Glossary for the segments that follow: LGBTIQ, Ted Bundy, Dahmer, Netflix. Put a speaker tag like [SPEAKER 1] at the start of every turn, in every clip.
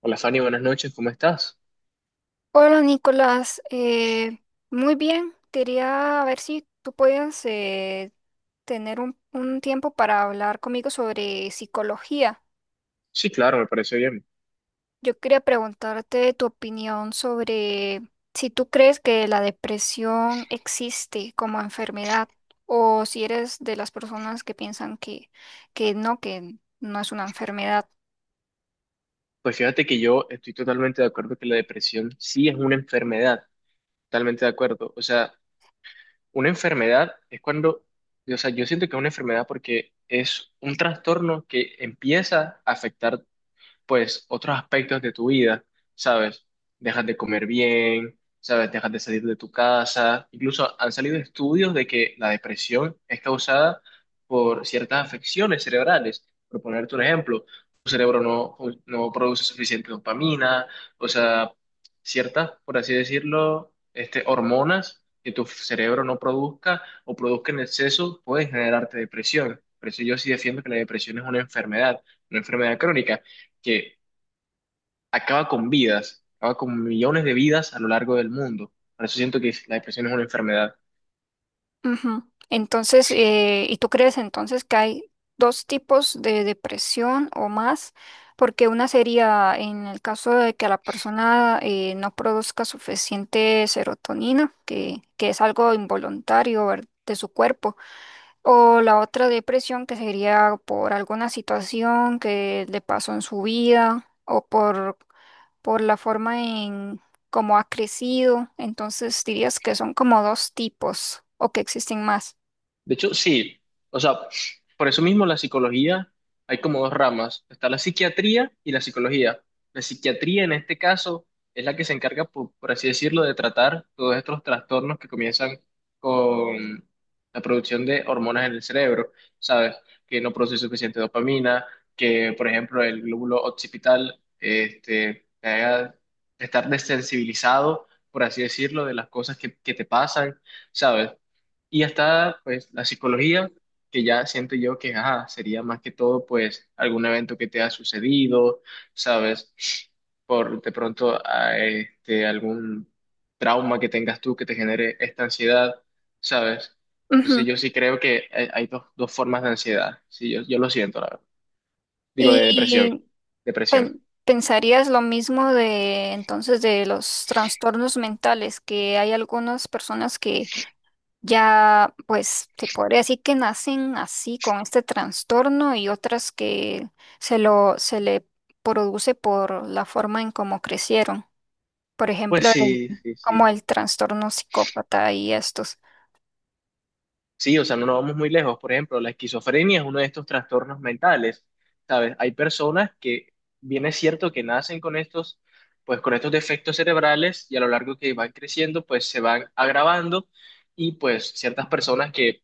[SPEAKER 1] Hola Fanny, buenas noches, ¿cómo estás?
[SPEAKER 2] Hola Nicolás. Muy bien, quería ver si tú podías tener un tiempo para hablar conmigo sobre psicología.
[SPEAKER 1] Sí, claro, me parece bien.
[SPEAKER 2] Yo quería preguntarte tu opinión sobre si tú crees que la depresión existe como enfermedad o si eres de las personas que piensan que no es una enfermedad.
[SPEAKER 1] Pues fíjate que yo estoy totalmente de acuerdo que la depresión sí es una enfermedad, totalmente de acuerdo. O sea, una enfermedad es cuando, o sea, yo siento que es una enfermedad porque es un trastorno que empieza a afectar pues otros aspectos de tu vida, ¿sabes? Dejas de comer bien, ¿sabes? Dejas de salir de tu casa. Incluso han salido estudios de que la depresión es causada por ciertas afecciones cerebrales. Por ponerte un ejemplo, tu cerebro no produce suficiente dopamina, o sea, ciertas, por así decirlo, este, hormonas que tu cerebro no produzca o produzca en exceso pueden generarte depresión. Por eso yo sí defiendo que la depresión es una enfermedad crónica que acaba con vidas, acaba con millones de vidas a lo largo del mundo. Por eso siento que la depresión es una enfermedad.
[SPEAKER 2] Ujú. Entonces, ¿y tú crees entonces que hay dos tipos de depresión o más? Porque una sería en el caso de que la persona no produzca suficiente serotonina, que es algo involuntario, de su cuerpo, o la otra depresión que sería por alguna situación que le pasó en su vida por la forma en cómo ha crecido. Entonces, dirías que son como dos tipos o que existen más.
[SPEAKER 1] De hecho, sí. O sea, por eso mismo la psicología, hay como dos ramas. Está la psiquiatría y la psicología. La psiquiatría en este caso es la que se encarga, por así decirlo, de tratar todos estos trastornos que comienzan con la producción de hormonas en el cerebro, ¿sabes? Que no produce suficiente dopamina, que por ejemplo el glóbulo occipital este, te haga estar desensibilizado, por así decirlo, de las cosas que te pasan, ¿sabes? Y está, pues, la psicología, que ya siento yo que ajá, sería más que todo, pues, algún evento que te ha sucedido, ¿sabes? Por de pronto, a, este, algún trauma que tengas tú que te genere esta ansiedad, ¿sabes? Entonces,
[SPEAKER 2] Ujú.
[SPEAKER 1] yo sí creo que hay dos formas de ansiedad. Sí, yo lo siento, la verdad. Digo, de depresión.
[SPEAKER 2] ¿Y
[SPEAKER 1] Depresión.
[SPEAKER 2] pensarías lo mismo de entonces de los trastornos mentales, que hay algunas personas que ya, pues, se podría decir que nacen así con este trastorno y otras que se le produce por la forma en cómo crecieron? Por
[SPEAKER 1] Pues
[SPEAKER 2] ejemplo,
[SPEAKER 1] sí, sí, sí.
[SPEAKER 2] como el trastorno psicópata y estos.
[SPEAKER 1] Sí, o sea, no nos vamos muy lejos. Por ejemplo, la esquizofrenia es uno de estos trastornos mentales, ¿sabes? Hay personas que, bien es cierto que nacen con estos, pues con estos defectos cerebrales y a lo largo que van creciendo, pues se van agravando y pues ciertas personas que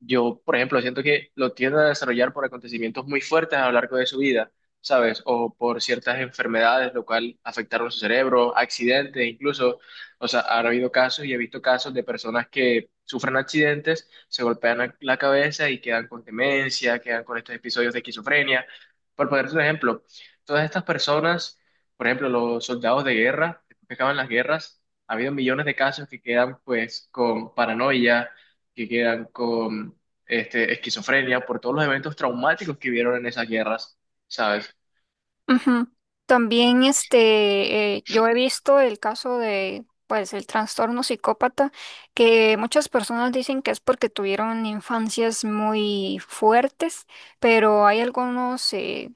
[SPEAKER 1] yo, por ejemplo, siento que lo tienden a desarrollar por acontecimientos muy fuertes a lo largo de su vida, ¿sabes? O por ciertas enfermedades, lo cual afectaron su cerebro, accidentes incluso. O sea, han habido casos y he visto casos de personas que sufren accidentes, se golpean la cabeza y quedan con demencia, quedan con estos episodios de esquizofrenia. Por ponerte un ejemplo, todas estas personas, por ejemplo, los soldados de guerra, después que acaban las guerras, ha habido millones de casos que quedan pues con paranoia que quedan con este, esquizofrenia por todos los eventos traumáticos que vieron en esas guerras, ¿sabes?
[SPEAKER 2] Ujú. También este, yo he visto el caso de, pues, el trastorno psicópata, que muchas personas dicen que es porque tuvieron infancias muy fuertes, pero hay algunos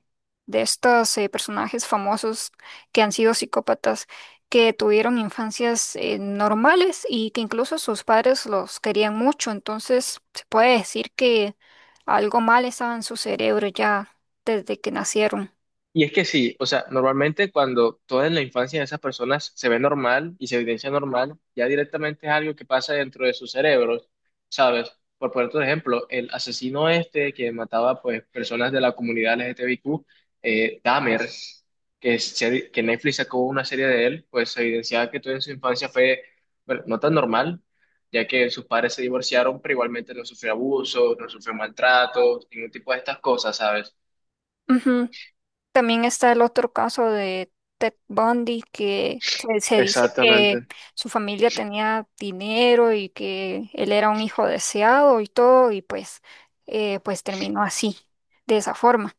[SPEAKER 2] de estos personajes famosos que han sido psicópatas que tuvieron infancias normales y que incluso sus padres los querían mucho, entonces se puede decir que algo mal estaba en su cerebro ya desde que nacieron.
[SPEAKER 1] Y es que sí, o sea, normalmente cuando toda en la infancia de esas personas se ve normal y se evidencia normal, ya directamente es algo que pasa dentro de sus cerebros, ¿sabes? Por ponerte un ejemplo, el asesino este que mataba pues personas de la comunidad LGTBIQ, Dahmer, que Netflix sacó una serie de él, pues se evidenciaba que todo en su infancia fue, bueno, no tan normal, ya que sus padres se divorciaron, pero igualmente no sufrió abusos, no sufrió maltratos, ningún tipo de estas cosas, ¿sabes?
[SPEAKER 2] Ujú. También está el otro caso de Ted Bundy, que se dice que
[SPEAKER 1] Exactamente.
[SPEAKER 2] su familia tenía dinero y que él era un hijo deseado y todo, y pues, pues terminó así, de esa forma.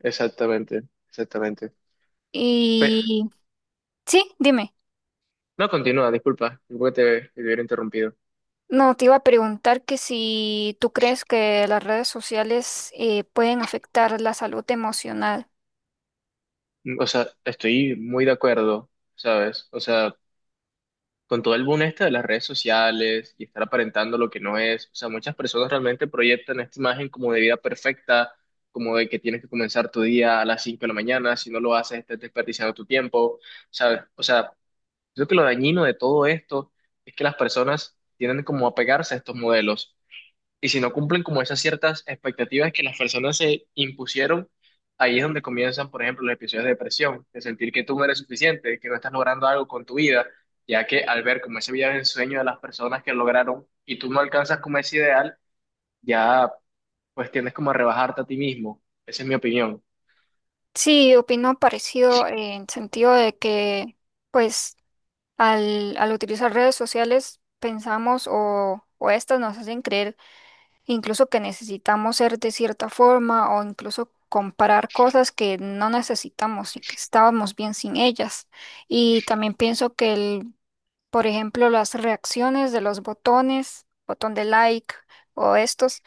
[SPEAKER 1] Exactamente, exactamente. Pe-
[SPEAKER 2] Y sí, dime,
[SPEAKER 1] no, continúa, disculpa, disculpa que te hubiera interrumpido.
[SPEAKER 2] no, te iba a preguntar que si tú crees que las redes sociales pueden afectar la salud emocional.
[SPEAKER 1] O sea, estoy muy de acuerdo, ¿sabes? O sea, con todo el boom este de las redes sociales y estar aparentando lo que no es, o sea, muchas personas realmente proyectan esta imagen como de vida perfecta, como de que tienes que comenzar tu día a las 5 de la mañana, si no lo haces, estás desperdiciando tu tiempo, ¿sabes? O sea, creo que lo dañino de todo esto es que las personas tienden como a pegarse a estos modelos. Y si no cumplen como esas ciertas expectativas que las personas se impusieron, ahí es donde comienzan, por ejemplo, los episodios de depresión, de sentir que tú no eres suficiente, que no estás logrando algo con tu vida, ya que al ver como ese vida de sueño de las personas que lograron y tú no alcanzas como ese ideal, ya pues tiendes como a rebajarte a ti mismo. Esa es mi opinión.
[SPEAKER 2] Sí, opino parecido en sentido de que. Pues al utilizar redes sociales, pensamos o estas nos hacen creer incluso que necesitamos ser de cierta forma o incluso comparar cosas que no necesitamos y que estábamos bien sin ellas. Y también pienso que, el, por ejemplo, las reacciones de los botón de like o estos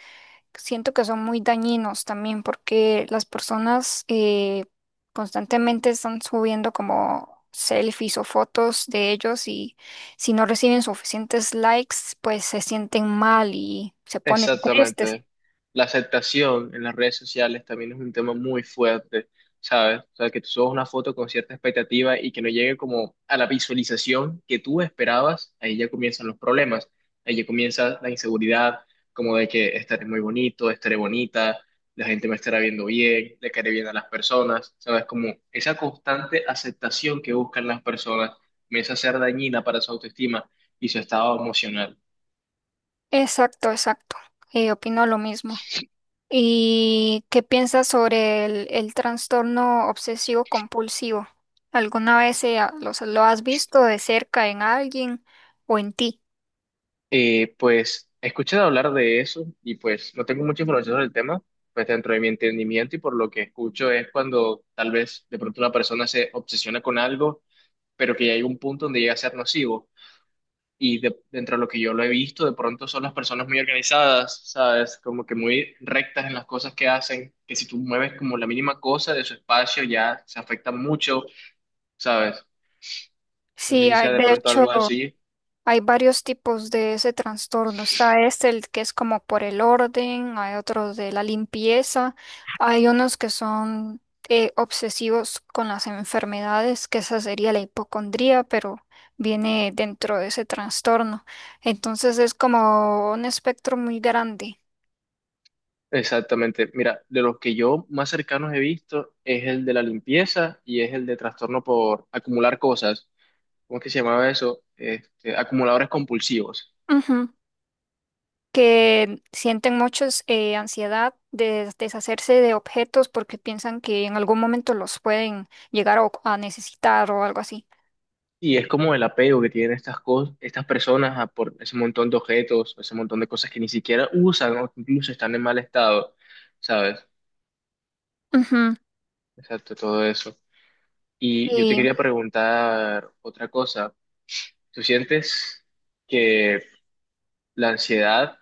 [SPEAKER 2] siento que son muy dañinos también porque las personas constantemente están subiendo como selfies o fotos de ellos y si no reciben suficientes likes, pues se sienten mal y se ponen tristes.
[SPEAKER 1] Exactamente. La aceptación en las redes sociales también es un tema muy fuerte, ¿sabes? O sea, que tú subas una foto con cierta expectativa y que no llegue como a la visualización que tú esperabas, ahí ya comienzan los problemas, ahí ya comienza la inseguridad, como de que estaré muy bonito, estaré bonita, la gente me estará viendo bien, le caeré bien a las personas, ¿sabes? Como esa constante aceptación que buscan las personas comienza a ser dañina para su autoestima y su estado emocional.
[SPEAKER 2] Exacto, exacto. Opino lo mismo. ¿Y qué piensas sobre el trastorno obsesivo compulsivo? ¿Alguna vez lo has visto de cerca en alguien o en ti?
[SPEAKER 1] Pues he escuchado hablar de eso y pues no tengo mucha información sobre el tema, pues dentro de mi entendimiento y por lo que escucho es cuando tal vez de pronto una persona se obsesiona con algo, pero que ya hay un punto donde llega a ser nocivo. Dentro de lo que yo lo he visto, de pronto son las personas muy organizadas, ¿sabes? Como que muy rectas en las cosas que hacen, que si tú mueves como la mínima cosa de su espacio ya se afecta mucho, ¿sabes? No sé
[SPEAKER 2] Sí,
[SPEAKER 1] si
[SPEAKER 2] ah,
[SPEAKER 1] sea de
[SPEAKER 2] de
[SPEAKER 1] pronto
[SPEAKER 2] hecho.
[SPEAKER 1] algo así.
[SPEAKER 2] Hay varios tipos de ese trastorno. Está este, el que es como por el orden, hay otros de la limpieza, hay unos que son obsesivos con las enfermedades, que esa sería la hipocondría, pero viene dentro de ese trastorno. Entonces es como un espectro muy grande.
[SPEAKER 1] Exactamente. Mira, de los que yo más cercanos he visto es el de la limpieza y es el de trastorno por acumular cosas. ¿Cómo es que se llamaba eso? Este, acumuladores compulsivos.
[SPEAKER 2] Ujú. Que sienten muchos ansiedad de deshacerse de objetos porque piensan que en algún momento los pueden llegar a necesitar o algo así.
[SPEAKER 1] Y es como el apego que tienen estas cosas, estas personas a por ese montón de objetos, ese montón de cosas que ni siquiera usan o que incluso están en mal estado, ¿sabes?
[SPEAKER 2] Ujú.
[SPEAKER 1] Exacto, todo eso. Y yo te
[SPEAKER 2] Y
[SPEAKER 1] quería preguntar otra cosa. ¿Tú sientes que la ansiedad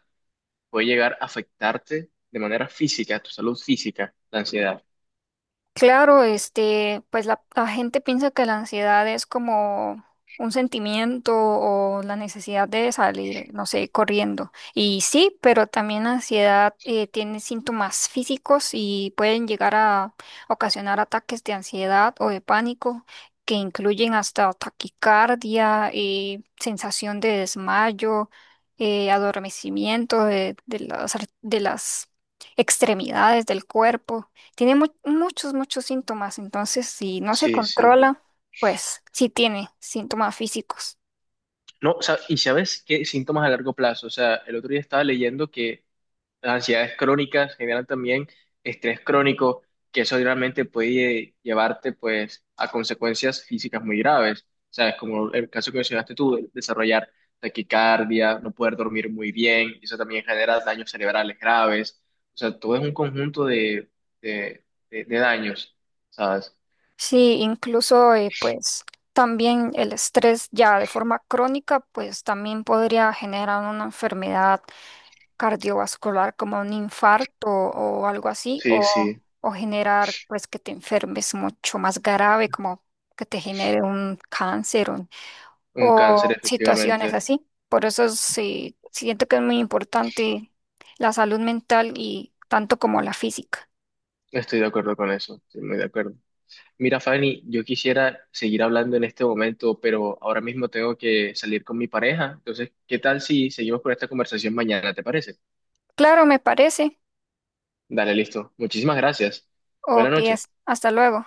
[SPEAKER 1] puede llegar a afectarte de manera física, tu salud física, la ansiedad?
[SPEAKER 2] claro, este, pues la gente piensa que la ansiedad es como un sentimiento o la necesidad de salir, no sé, corriendo. Y sí, pero también la ansiedad tiene síntomas físicos y pueden llegar a ocasionar ataques de ansiedad o de pánico que incluyen hasta taquicardia, sensación de desmayo, adormecimiento de las extremidades del cuerpo. Tiene muchos síntomas, entonces si no se
[SPEAKER 1] Sí, sí.
[SPEAKER 2] controla, pues sí tiene síntomas físicos.
[SPEAKER 1] No, o sea, ¿y sabes qué síntomas a largo plazo? O sea, el otro día estaba leyendo que las ansiedades crónicas generan también estrés crónico, que eso realmente puede llevarte pues a consecuencias físicas muy graves. O sea, es como el caso que mencionaste tú, de desarrollar taquicardia, no poder dormir muy bien, y eso también genera daños cerebrales graves. O sea, todo es un conjunto de, de daños. ¿Sabes?
[SPEAKER 2] Sí, incluso pues también el estrés ya de forma crónica, pues también podría generar una enfermedad cardiovascular como un infarto o algo así,
[SPEAKER 1] Sí, sí,
[SPEAKER 2] o generar pues que te enfermes mucho más grave, como que te genere un cáncer.
[SPEAKER 1] un cáncer,
[SPEAKER 2] O situaciones
[SPEAKER 1] efectivamente.
[SPEAKER 2] así. Por eso sí, siento que es muy importante la salud mental y tanto como la física.
[SPEAKER 1] Estoy de acuerdo con eso, estoy muy de acuerdo. Mira, Fanny, yo quisiera seguir hablando en este momento, pero ahora mismo tengo que salir con mi pareja. Entonces, ¿qué tal si seguimos con esta conversación mañana? ¿Te parece?
[SPEAKER 2] Claro, me parece.
[SPEAKER 1] Dale, listo. Muchísimas gracias. Buenas
[SPEAKER 2] Ok,
[SPEAKER 1] noches.
[SPEAKER 2] hasta luego.